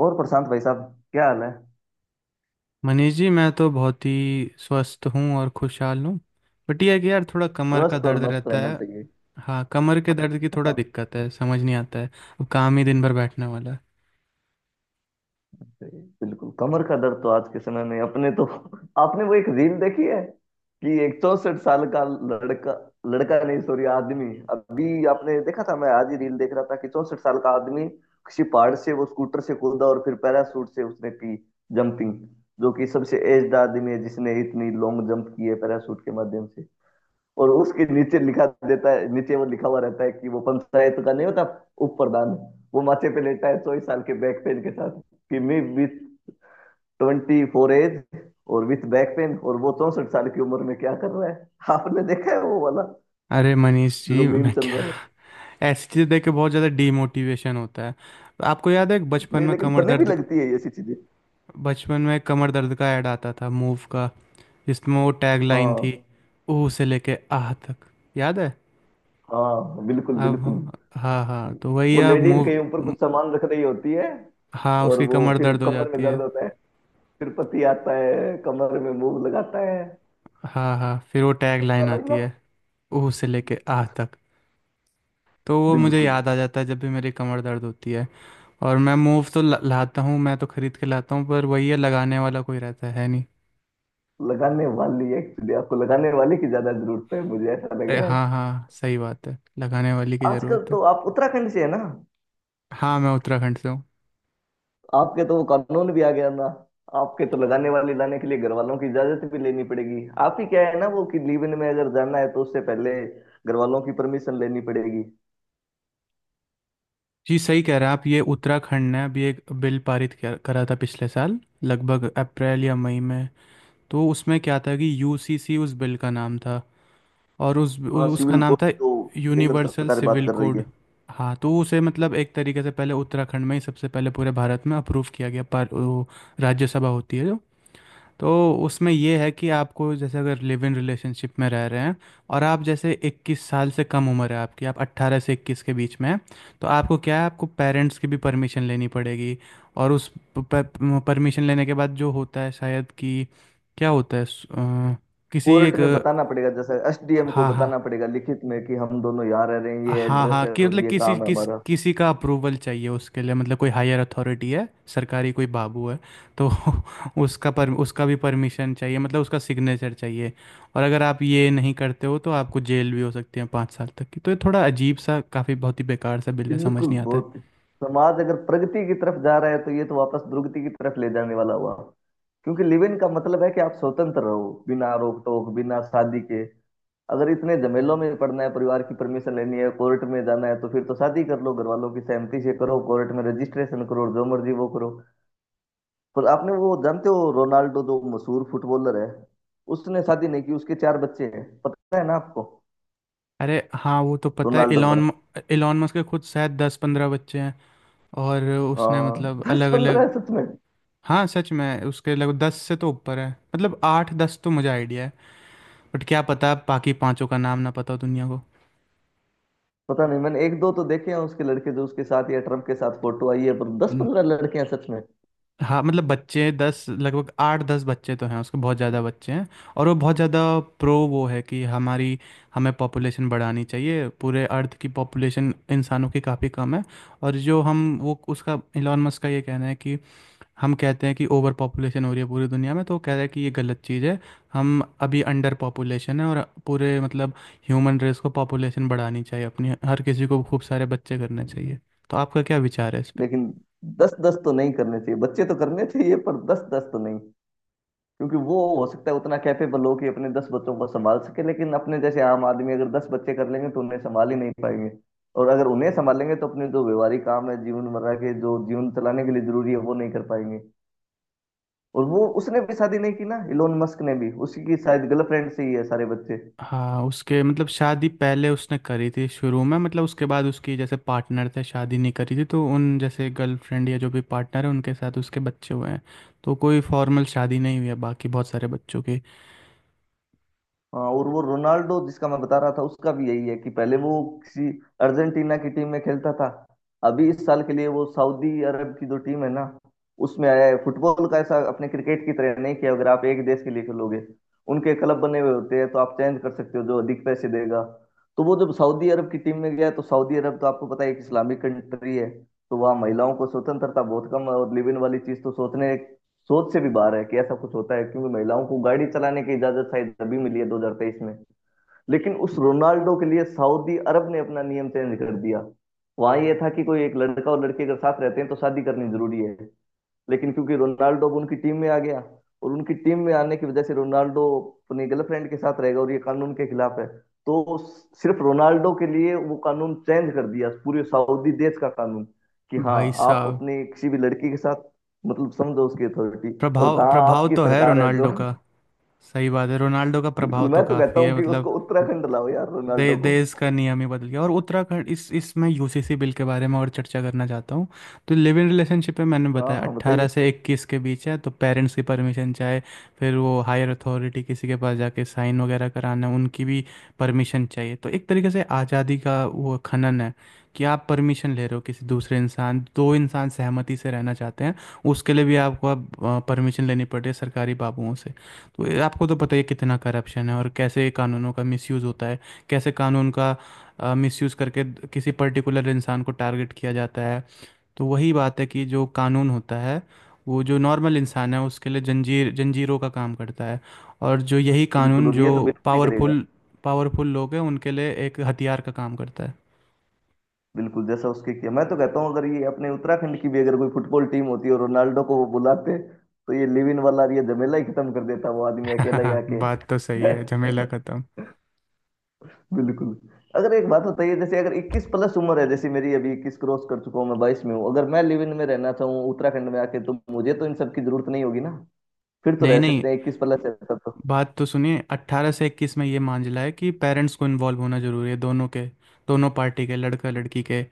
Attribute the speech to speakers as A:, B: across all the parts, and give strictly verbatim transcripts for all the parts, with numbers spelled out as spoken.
A: और प्रशांत भाई साहब, क्या हाल है?
B: मनीष जी मैं तो बहुत ही स्वस्थ हूँ और खुशहाल हूँ। बट ये है कि यार थोड़ा कमर का
A: स्वस्थ और
B: दर्द
A: मस्त
B: रहता
A: रहना
B: है।
A: चाहिए।
B: हाँ, कमर के दर्द की थोड़ा
A: हाँ,
B: दिक्कत है, समझ नहीं आता है। अब काम ही दिन भर बैठने वाला है।
A: सही है। बिल्कुल, कमर का दर्द तो आज के समय में अपने तो आपने वो एक रील देखी है कि एक चौसठ साल का लड़का लड़का नहीं सॉरी आदमी, अभी आपने देखा था? मैं आज ही रील देख रहा था कि चौसठ साल का आदमी किसी पहाड़ से वो स्कूटर से कूदा और फिर पैराशूट से उसने की जंपिंग, जो कि सबसे एज्ड आदमी है जिसने इतनी लॉन्ग जंप की है पैराशूट के माध्यम से। और उसके नीचे लिखा देता है, नीचे वो लिखा हुआ रहता है कि वो पंचायत का नहीं होता उप प्रधान, वो माथे पे लेटा है चौबीस साल के बैक पेन के साथ कि मैं विथ ट्वेंटी फोर एज और विथ बैक पेन। और वो चौसठ साल की उम्र में क्या कर रहा है आपने देखा है, वो वाला
B: अरे मनीष
A: जो
B: जी,
A: मीम
B: मैं
A: चल
B: क्या,
A: रहा है?
B: ऐसी चीज़ देख के बहुत ज़्यादा डीमोटिवेशन होता है। आपको याद है बचपन
A: नहीं,
B: में
A: लेकिन
B: कमर
A: फनी भी
B: दर्द?
A: लगती है ये ऐसी चीजें।
B: बचपन में कमर दर्द का ऐड आता था मूव का, जिसमें वो टैग लाइन
A: हाँ,
B: थी, ऊ से लेके आह तक। याद है?
A: हाँ बिल्कुल
B: अब
A: बिल्कुल।
B: हाँ हाँ, तो वही,
A: वो
B: अब
A: लेडीज
B: मूव।
A: कहीं ऊपर कुछ सामान रख रही होती है
B: हाँ,
A: और
B: उसकी
A: वो
B: कमर
A: फिर
B: दर्द हो
A: कमर में
B: जाती
A: दर्द
B: है।
A: होता है, फिर पति आता है कमर में मूव लगाता है।
B: हाँ हाँ, फिर वो टैग
A: वही
B: लाइन
A: वाला ही ना।
B: आती है, ऊ से लेके आह तक। तो वो मुझे
A: बिल्कुल।
B: याद आ जाता है जब भी मेरी कमर दर्द होती है। और मैं मूव तो ला- लाता हूँ, मैं तो खरीद के लाता हूँ, पर वही है, लगाने वाला कोई रहता है नहीं।
A: लगाने वाली, एक्चुअली आपको लगाने वाले की ज्यादा जरूरत है, मुझे ऐसा लग
B: अरे
A: रहा है।
B: हाँ हाँ, सही बात है, लगाने वाली की
A: आजकल
B: ज़रूरत है।
A: तो आप उत्तराखंड से है ना,
B: हाँ, मैं उत्तराखंड से हूँ।
A: आपके तो वो कानून भी आ गया ना, आपके तो लगाने वाले लाने के लिए घर वालों की इजाजत भी लेनी पड़ेगी। आप ही क्या है ना वो कि लीव इन में अगर जाना है तो उससे पहले घर वालों की परमिशन लेनी पड़ेगी।
B: जी सही कह रहे हैं आप, ये उत्तराखंड ने अभी एक बिल पारित किया- करा था पिछले साल, लगभग अप्रैल या मई में। तो उसमें क्या था कि यूसीसी उस बिल का नाम था। और उस उ,
A: हाँ,
B: उसका
A: सिविल
B: नाम
A: कोर्ट
B: था
A: जो केंद्र
B: यूनिवर्सल
A: सरकार बात
B: सिविल
A: कर रही
B: कोड।
A: है।
B: हाँ तो उसे मतलब एक तरीके से पहले उत्तराखंड में ही सबसे पहले पूरे भारत में अप्रूव किया गया, पर वो राज्यसभा होती है जो। तो उसमें ये है कि आपको, जैसे अगर लिव इन रिलेशनशिप में रह रहे हैं और आप जैसे इक्कीस साल से कम उम्र है आपकी, आप अट्ठारह से इक्कीस के बीच में हैं, तो आपको क्या है, आपको पेरेंट्स की भी परमिशन लेनी पड़ेगी। और उस परमिशन लेने के बाद जो होता है, शायद कि क्या होता है, स- अ, किसी
A: कोर्ट
B: एक,
A: में बताना पड़ेगा, जैसे एसडीएम को
B: हाँ हाँ
A: बताना पड़ेगा लिखित में कि हम दोनों यहाँ रह रहे हैं, ये
B: हाँ
A: एड्रेस
B: हाँ,
A: है
B: कि
A: और
B: मतलब
A: ये
B: किसी
A: काम है
B: किस
A: हमारा।
B: किसी का अप्रूवल चाहिए उसके लिए, मतलब कोई हायर अथॉरिटी है, सरकारी कोई बाबू है। तो उसका पर उसका भी परमिशन चाहिए, मतलब उसका सिग्नेचर चाहिए। और अगर आप ये नहीं करते हो तो आपको जेल भी हो सकती है पाँच साल तक की। तो ये थोड़ा अजीब सा, काफ़ी बहुत ही बेकार सा बिल है, समझ
A: बिल्कुल,
B: नहीं आता है।
A: बहुत। समाज अगर प्रगति की तरफ जा रहा है तो ये तो वापस दुर्गति की तरफ ले जाने वाला हुआ, क्योंकि लिव इन का मतलब है कि आप स्वतंत्र रहो बिना रोक टोक बिना शादी के। अगर इतने झमेलों में पड़ना है, परिवार की परमिशन लेनी है, कोर्ट में जाना है, तो फिर तो शादी कर लो घर वालों की सहमति से, करो कोर्ट में रजिस्ट्रेशन, करो जो मर्जी वो करो। पर आपने वो जानते हो रोनाल्डो जो मशहूर फुटबॉलर है, उसने शादी नहीं की, उसके चार बच्चे हैं, पता है ना आपको?
B: अरे हाँ, वो तो पता है।
A: रोनाल्डो का।
B: इलॉन इलॉन मस्क के खुद शायद दस पंद्रह बच्चे हैं, और उसने
A: हाँ,
B: मतलब
A: दस
B: अलग
A: पंद्रह
B: अलग।
A: है सच में।
B: हाँ सच में, उसके लगभग दस से तो ऊपर है, मतलब आठ दस तो मुझे आइडिया है, बट क्या पता बाकी पांचों का नाम ना पता हो दुनिया को।
A: पता नहीं, मैंने एक दो तो देखे हैं उसके लड़के जो उसके साथ या ट्रम्प के साथ फोटो आई है, पर दस
B: न-
A: पंद्रह लड़के हैं सच में।
B: हाँ, मतलब बच्चे दस, लगभग आठ दस बच्चे तो हैं उसके, बहुत ज़्यादा बच्चे हैं। और वो बहुत ज़्यादा प्रो वो है कि हमारी, हमें पॉपुलेशन बढ़ानी चाहिए, पूरे अर्थ की पॉपुलेशन इंसानों की काफ़ी कम है। और जो हम वो उसका इलॉन मस्क का ये कहना है कि, हम कहते हैं कि ओवर पॉपुलेशन हो रही है पूरी दुनिया में, तो वो कह रहे हैं कि ये गलत चीज़ है, हम अभी अंडर पॉपुलेशन है। और पूरे मतलब ह्यूमन रेस को पॉपुलेशन बढ़ानी चाहिए अपनी, हर किसी को खूब सारे बच्चे करने चाहिए। तो आपका क्या विचार है इस पे?
A: लेकिन दस दस तो नहीं करने चाहिए, बच्चे तो करने चाहिए पर दस दस तो नहीं, क्योंकि वो हो सकता है उतना कैपेबल हो कि अपने दस बच्चों को संभाल सके, लेकिन अपने जैसे आम आदमी अगर दस बच्चे कर लेंगे तो उन्हें संभाल ही नहीं पाएंगे। और अगर उन्हें संभालेंगे तो अपने जो व्यवहारिक काम है, जीवन मर्रा के जो जीवन चलाने के लिए जरूरी है, वो नहीं कर पाएंगे। और वो उसने भी शादी नहीं की ना, इलोन मस्क ने भी उसी की शायद गर्लफ्रेंड से ही है सारे बच्चे।
B: हाँ, उसके मतलब शादी पहले उसने करी थी शुरू में, मतलब उसके बाद उसकी जैसे पार्टनर थे, शादी नहीं करी थी, तो उन जैसे गर्लफ्रेंड या जो भी पार्टनर है उनके साथ उसके बच्चे हुए हैं। तो कोई फॉर्मल शादी नहीं हुई है बाकी बहुत सारे बच्चों की।
A: हाँ, और वो रोनाल्डो जिसका मैं बता रहा था उसका भी यही है कि पहले वो किसी अर्जेंटीना की टीम में खेलता था, अभी इस साल के लिए वो सऊदी अरब की जो टीम है ना, उसमें आया है। फुटबॉल का ऐसा, अपने क्रिकेट की तरह नहीं किया अगर आप एक देश के लिए खेलोगे। उनके क्लब बने हुए होते हैं तो आप चेंज कर सकते हो जो अधिक पैसे देगा। तो वो जब सऊदी अरब की टीम में गया, तो सऊदी अरब तो आपको पता है एक इस्लामिक कंट्री है, तो वहाँ महिलाओं को स्वतंत्रता बहुत कम है और लिव इन वाली चीज तो सोचने सोच से भी बाहर है कि ऐसा कुछ होता है, क्योंकि महिलाओं को गाड़ी चलाने की इजाजत शायद अभी मिली है दो हज़ार तेईस में। लेकिन उस रोनाल्डो के लिए सऊदी अरब ने अपना नियम चेंज कर दिया। वहां ये था कि कोई एक लड़का और लड़की अगर साथ रहते हैं तो शादी करनी जरूरी है, लेकिन क्योंकि रोनाल्डो अब उनकी टीम में आ गया, और उनकी टीम में आने की वजह से रोनाल्डो अपनी गर्लफ्रेंड के साथ रहेगा और ये कानून के खिलाफ है, तो सिर्फ रोनाल्डो के लिए वो कानून चेंज कर दिया, पूरे सऊदी देश का कानून, कि हाँ
B: भाई
A: आप
B: साहब,
A: अपनी किसी भी लड़की के साथ। मतलब समझो उसकी अथॉरिटी, और
B: प्रभाव
A: कहा
B: प्रभाव
A: आपकी
B: तो है
A: सरकार है जो।
B: रोनाल्डो का, सही बात है, रोनाल्डो का
A: बिल्कुल,
B: प्रभाव
A: मैं
B: तो
A: तो कहता
B: काफ़ी
A: हूँ
B: है
A: कि
B: मतलब।
A: उसको उत्तराखंड लाओ यार,
B: दे,
A: रोनाल्डो को।
B: देश का नियम ही बदल गया। और उत्तराखंड इस इसमें यूसीसी बिल के बारे में और चर्चा करना चाहता हूँ। तो लिव इन रिलेशनशिप में मैंने
A: हाँ
B: बताया
A: हाँ, बताइए।
B: अट्ठारह से इक्कीस के बीच है तो पेरेंट्स की परमिशन चाहे, फिर वो हायर अथॉरिटी किसी के पास जाके साइन वगैरह कराना है, उनकी भी परमिशन चाहिए। तो एक तरीके से आज़ादी का वो खनन है, कि आप परमिशन ले रहे हो, किसी दूसरे इंसान, दो इंसान सहमति से रहना चाहते हैं, उसके लिए भी आपको अब परमिशन लेनी पड़ती है सरकारी बाबुओं से। तो ये आपको तो पता ही है कितना करप्शन है और कैसे कानूनों का मिसयूज़ होता है, कैसे कानून का मिसयूज़ करके किसी पर्टिकुलर इंसान को टारगेट किया जाता है। तो वही बात है कि जो कानून होता है वो जो नॉर्मल इंसान है उसके लिए जंजीर जंजीरों का काम करता है, और जो यही
A: बिल्कुल,
B: कानून
A: और
B: जो
A: ये तो बिल्कुल ही करेगा।
B: पावरफुल पावरफुल लोग हैं उनके लिए एक हथियार का काम करता है।
A: बिल्कुल, जैसा उसके किया। मैं तो कहता हूँ अगर ये अपने उत्तराखंड की भी अगर कोई फुटबॉल टीम होती और रोनाल्डो को वो बुलाते, तो ये लिव इन वाला ये झमेला ही खत्म कर देता, वो आदमी अकेला ही आके।
B: बात तो सही है, झमेला खत्म।
A: बिल्कुल। अगर एक बात बताइए, जैसे अगर इक्कीस प्लस उम्र है, जैसे मेरी अभी, इक्कीस क्रॉस कर चुका हूँ, मैं बाईस में हूँ, अगर मैं लिव इन में रहना चाहूँ उत्तराखंड में आके, तो मुझे तो इन सब की जरूरत नहीं होगी ना? फिर तो
B: नहीं
A: रह
B: नहीं,
A: सकते हैं, इक्कीस प्लस है तब तो।
B: बात तो सुनिए, अट्ठारह से इक्कीस में ये मांझला है कि पेरेंट्स को इन्वॉल्व होना जरूरी है, दोनों के, दोनों पार्टी के, लड़का लड़की के।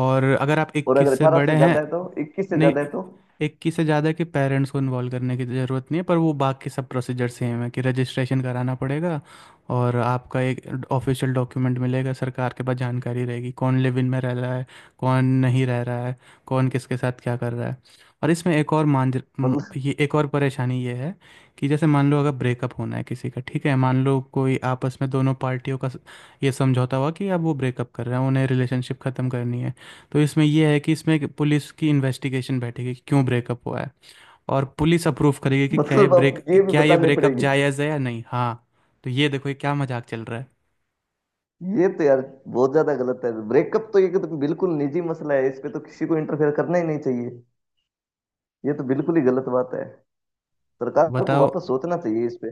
B: और अगर आप
A: और
B: इक्कीस
A: अगर
B: से
A: अठारह से
B: बड़े हैं,
A: ज्यादा है तो इक्कीस से
B: नहीं,
A: ज्यादा है तो?
B: एक की से ज़्यादा के पेरेंट्स को इन्वॉल्व करने की ज़रूरत नहीं है, पर वो बाकी सब प्रोसीजर सेम है, कि रजिस्ट्रेशन कराना पड़ेगा और आपका एक ऑफिशियल डॉक्यूमेंट मिलेगा, सरकार के पास जानकारी रहेगी कौन लिव इन में रह रहा है, कौन नहीं रह रहा है, कौन किसके साथ क्या कर रहा है। और इसमें एक और मान, म-
A: मतलब
B: ये एक और परेशानी ये है, कि जैसे मान लो अगर ब्रेकअप होना है किसी का, ठीक है, मान लो कोई आपस में दोनों पार्टियों का स- ये समझौता हुआ कि अब वो ब्रेकअप कर रहे हैं, उन्हें रिलेशनशिप ख़त्म करनी है। तो इसमें यह है कि इसमें एक पुलिस की इन्वेस्टिगेशन बैठेगी कि क्यों ब्रेकअप हुआ है, और पुलिस अप्रूव करेगी कि क्या ये
A: मतलब अब
B: ब्रेक
A: ये भी
B: क्या ये
A: बताने
B: ब्रेकअप
A: पड़ेंगे?
B: जायज़ है या नहीं। हाँ, तो ये देखो ये क्या मजाक चल रहा है।
A: ये तो यार बहुत ज्यादा गलत है। ब्रेकअप तो ये कि तो बिल्कुल निजी मसला है, इस पे तो किसी को इंटरफेयर करना ही नहीं चाहिए। ये तो बिल्कुल ही गलत बात है, सरकार को
B: बताओ,
A: वापस सोचना चाहिए इस पे।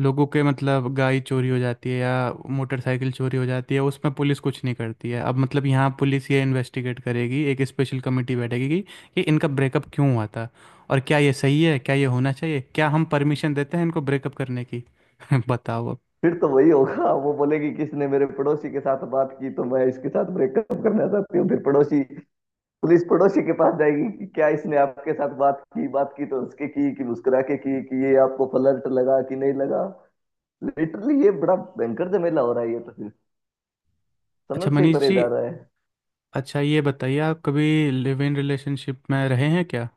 B: लोगों के, मतलब गाय चोरी हो जाती है या मोटरसाइकिल चोरी हो जाती है उसमें पुलिस कुछ नहीं करती है, अब मतलब यहाँ पुलिस ये इन्वेस्टिगेट करेगी, एक स्पेशल कमेटी बैठेगी कि कि इनका ब्रेकअप क्यों हुआ था और क्या ये सही है, क्या ये होना चाहिए, क्या हम परमिशन देते हैं इनको ब्रेकअप करने की। बताओ अब।
A: फिर तो वही होगा, वो बोलेगी किसने मेरे पड़ोसी के साथ बात की तो मैं इसके साथ ब्रेकअप करना चाहती हूँ, फिर पड़ोसी, पुलिस पड़ोसी के पास जाएगी कि क्या इसने आपके साथ बात की, बात की तो उसके की, कि मुस्कुरा के की, कि ये आपको फ्लर्ट लगा कि नहीं लगा। लिटरली ये बड़ा भयंकर झमेला हो रहा है ये तो, फिर
B: अच्छा
A: समझ से ही
B: मनीष
A: परे
B: जी,
A: जा रहा है।
B: अच्छा ये बताइए, आप कभी लिव इन रिलेशनशिप में रहे हैं क्या?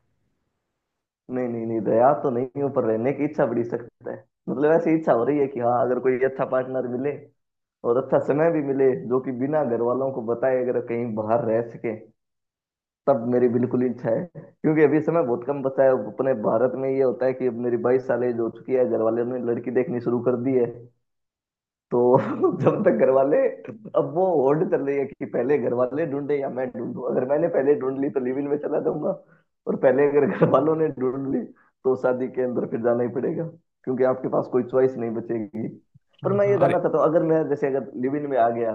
A: नहीं नहीं नहीं, दया तो नहीं हो पर रहने की इच्छा बड़ी सख्त है। मतलब ऐसी इच्छा हो रही है कि हाँ, अगर कोई अच्छा पार्टनर मिले और अच्छा समय भी मिले, जो कि बिना घर वालों को बताए अगर कहीं बाहर रह सके, तब मेरी बिल्कुल इच्छा है। क्योंकि अभी समय बहुत कम बचा है, अपने भारत में ये होता है कि अब मेरी बाईस साल एज हो चुकी है, घर वालों ने लड़की देखनी शुरू कर दी है। तो जब तक घर वाले, अब वो होड़ चल रही है कि पहले घर वाले ढूंढे या मैं ढूंढूं। अगर मैंने पहले ढूंढ ली तो लिव इन में चला जाऊंगा, और पहले अगर घर वालों ने ढूंढ ली तो शादी के अंदर फिर जाना ही पड़ेगा, क्योंकि आपके पास कोई चॉइस नहीं बचेगी। पर
B: हाँ
A: मैं
B: हाँ,
A: ये
B: और
A: जानना चाहता हूँ, अगर मैं जैसे अगर लिव इन में आ गया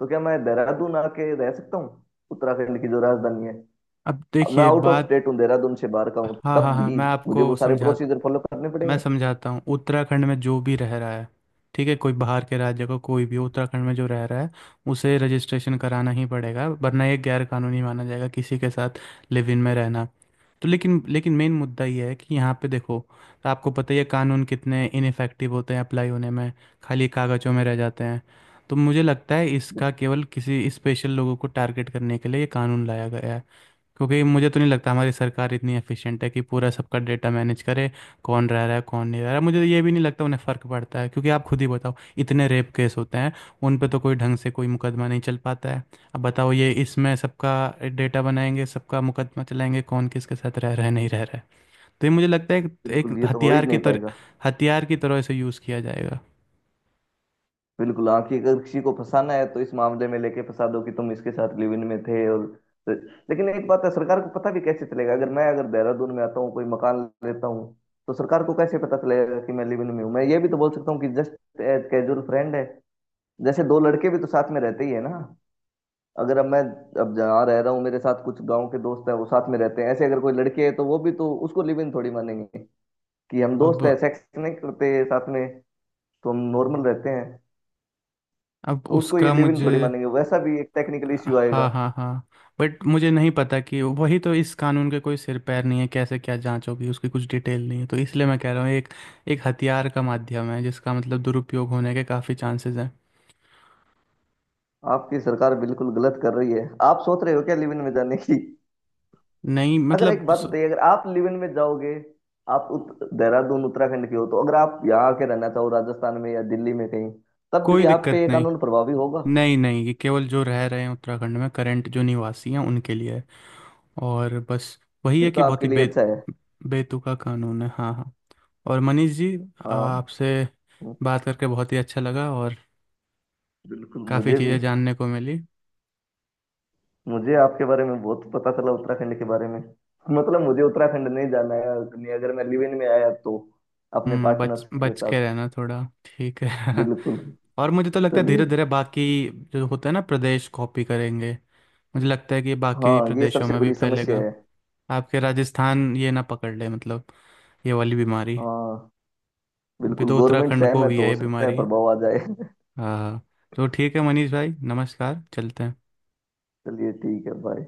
A: तो क्या मैं देहरादून आके रह सकता हूँ, उत्तराखंड की जो राजधानी है?
B: अब
A: मैं
B: देखिए
A: आउट ऑफ
B: बात,
A: स्टेट हूँ, देहरादून से बाहर का हूँ,
B: हाँ हाँ
A: तब
B: हाँ,
A: भी
B: मैं
A: मुझे वो
B: आपको
A: सारे
B: समझा
A: प्रोसीजर फॉलो करने
B: मैं
A: पड़ेंगे?
B: समझाता हूँ। उत्तराखंड में जो भी रह रहा है, ठीक है, कोई बाहर के राज्य का, कोई भी उत्तराखंड में जो रह रहा है उसे रजिस्ट्रेशन कराना ही पड़ेगा, वरना ये गैर कानूनी माना जाएगा किसी के साथ लिव इन में रहना। तो लेकिन लेकिन मेन मुद्दा ये है कि यहाँ पे देखो, तो आपको पता ही है कानून कितने इनफेक्टिव होते हैं अप्लाई होने में, खाली कागजों में रह जाते हैं। तो मुझे लगता है इसका केवल किसी स्पेशल लोगों को टारगेट करने के लिए ये कानून लाया गया है, क्योंकि मुझे तो नहीं लगता हमारी सरकार इतनी एफिशिएंट है कि पूरा सबका डेटा मैनेज करे, कौन रह रहा है कौन नहीं रह रहा है। मुझे तो ये भी नहीं लगता उन्हें फ़र्क पड़ता है, क्योंकि आप खुद ही बताओ, इतने रेप केस होते हैं उन पे तो कोई ढंग से कोई मुकदमा नहीं चल पाता है, अब बताओ ये इसमें सबका डेटा बनाएंगे, सबका मुकदमा चलाएंगे कौन किसके साथ रह रहा है नहीं रह रहा है। तो ये मुझे लगता है एक,
A: बिल्कुल,
B: एक
A: ये तो हो ही
B: हथियार की
A: नहीं
B: तरह
A: पाएगा।
B: हथियार की तरह इसे यूज़ किया जाएगा।
A: बिल्कुल, आखिर अगर किसी को फंसाना है तो इस मामले में लेके फंसा दो कि तुम इसके साथ लिव इन में थे, और तो, लेकिन एक बात है, सरकार को पता भी कैसे चलेगा? अगर मैं अगर देहरादून में आता हूँ, कोई मकान लेता हूँ, तो सरकार को कैसे पता चलेगा कि मैं लिव इन में हूँ? मैं ये भी तो बोल सकता हूँ कि जस्ट एज कैजुअल फ्रेंड है, जैसे दो लड़के भी तो साथ में रहते ही है ना। अगर अब मैं, अब जहाँ रह रहा हूँ मेरे साथ कुछ गांव के दोस्त हैं, वो साथ में रहते हैं, ऐसे अगर कोई लड़की है तो वो भी तो उसको लिव इन थोड़ी मानेंगे। कि हम
B: अब
A: दोस्त हैं, सेक्स नहीं करते साथ में, तो हम नॉर्मल रहते हैं,
B: अब
A: तो उसको ये
B: उसका
A: लिव इन
B: मुझे,
A: थोड़ी मानेंगे। वैसा भी एक टेक्निकल इश्यू
B: हाँ
A: आएगा।
B: हाँ हाँ, बट मुझे नहीं पता, कि वही तो, इस कानून के कोई सिर पैर नहीं है, कैसे क्या जांच होगी उसकी कुछ डिटेल नहीं है, तो इसलिए मैं कह रहा हूँ एक एक हथियार का माध्यम है जिसका मतलब दुरुपयोग होने के काफ़ी चांसेस हैं।
A: आपकी सरकार बिल्कुल गलत कर रही है, आप सोच रहे हो क्या लिव इन में जाने की?
B: नहीं
A: अगर एक
B: मतलब
A: बात
B: स-
A: बताइए, अगर आप लिव इन में जाओगे, आप उत, देहरादून उत्तराखंड के हो, तो अगर आप यहाँ आके रहना चाहो राजस्थान में या दिल्ली में कहीं, तब भी
B: कोई
A: आप पे
B: दिक्कत
A: ये
B: नहीं।
A: कानून प्रभावी होगा?
B: नहीं नहीं, ये केवल जो रह रहे हैं उत्तराखंड में करंट जो निवासी हैं उनके लिए है, और बस वही
A: फिर
B: है
A: तो
B: कि बहुत
A: आपके
B: ही
A: लिए
B: बे
A: अच्छा है।
B: बेतुका कानून है। हाँ हाँ। और मनीष जी
A: हाँ।
B: आपसे बात करके बहुत ही अच्छा लगा, और
A: बिल्कुल,
B: काफ़ी
A: मुझे भी।
B: चीज़ें जानने को मिली।
A: मुझे आपके बारे में बहुत पता चला, उत्तराखंड के बारे में। मतलब मुझे उत्तराखंड नहीं जाना है अगर मैं लिव इन में आया तो, अपने
B: हम्म बच
A: पार्टनर के
B: बच के
A: साथ।
B: रहना थोड़ा ठीक है।
A: बिल्कुल।
B: और मुझे तो लगता है
A: चलिए।
B: धीरे धीरे बाकी जो होता है ना प्रदेश कॉपी करेंगे, मुझे लगता है कि बाकी
A: हाँ, ये
B: प्रदेशों
A: सबसे
B: में भी
A: बड़ी समस्या
B: फैलेगा,
A: है।
B: आपके राजस्थान ये ना पकड़ ले, मतलब ये वाली बीमारी।
A: हाँ,
B: अभी
A: बिल्कुल
B: तो
A: गवर्नमेंट
B: उत्तराखंड
A: से है
B: को
A: मैं
B: भी
A: तो,
B: है
A: हो
B: ये
A: सकता है
B: बीमारी।
A: प्रभाव आ जाए।
B: हाँ, तो ठीक है मनीष भाई, नमस्कार, चलते हैं।
A: चलिए ठीक है, बाय।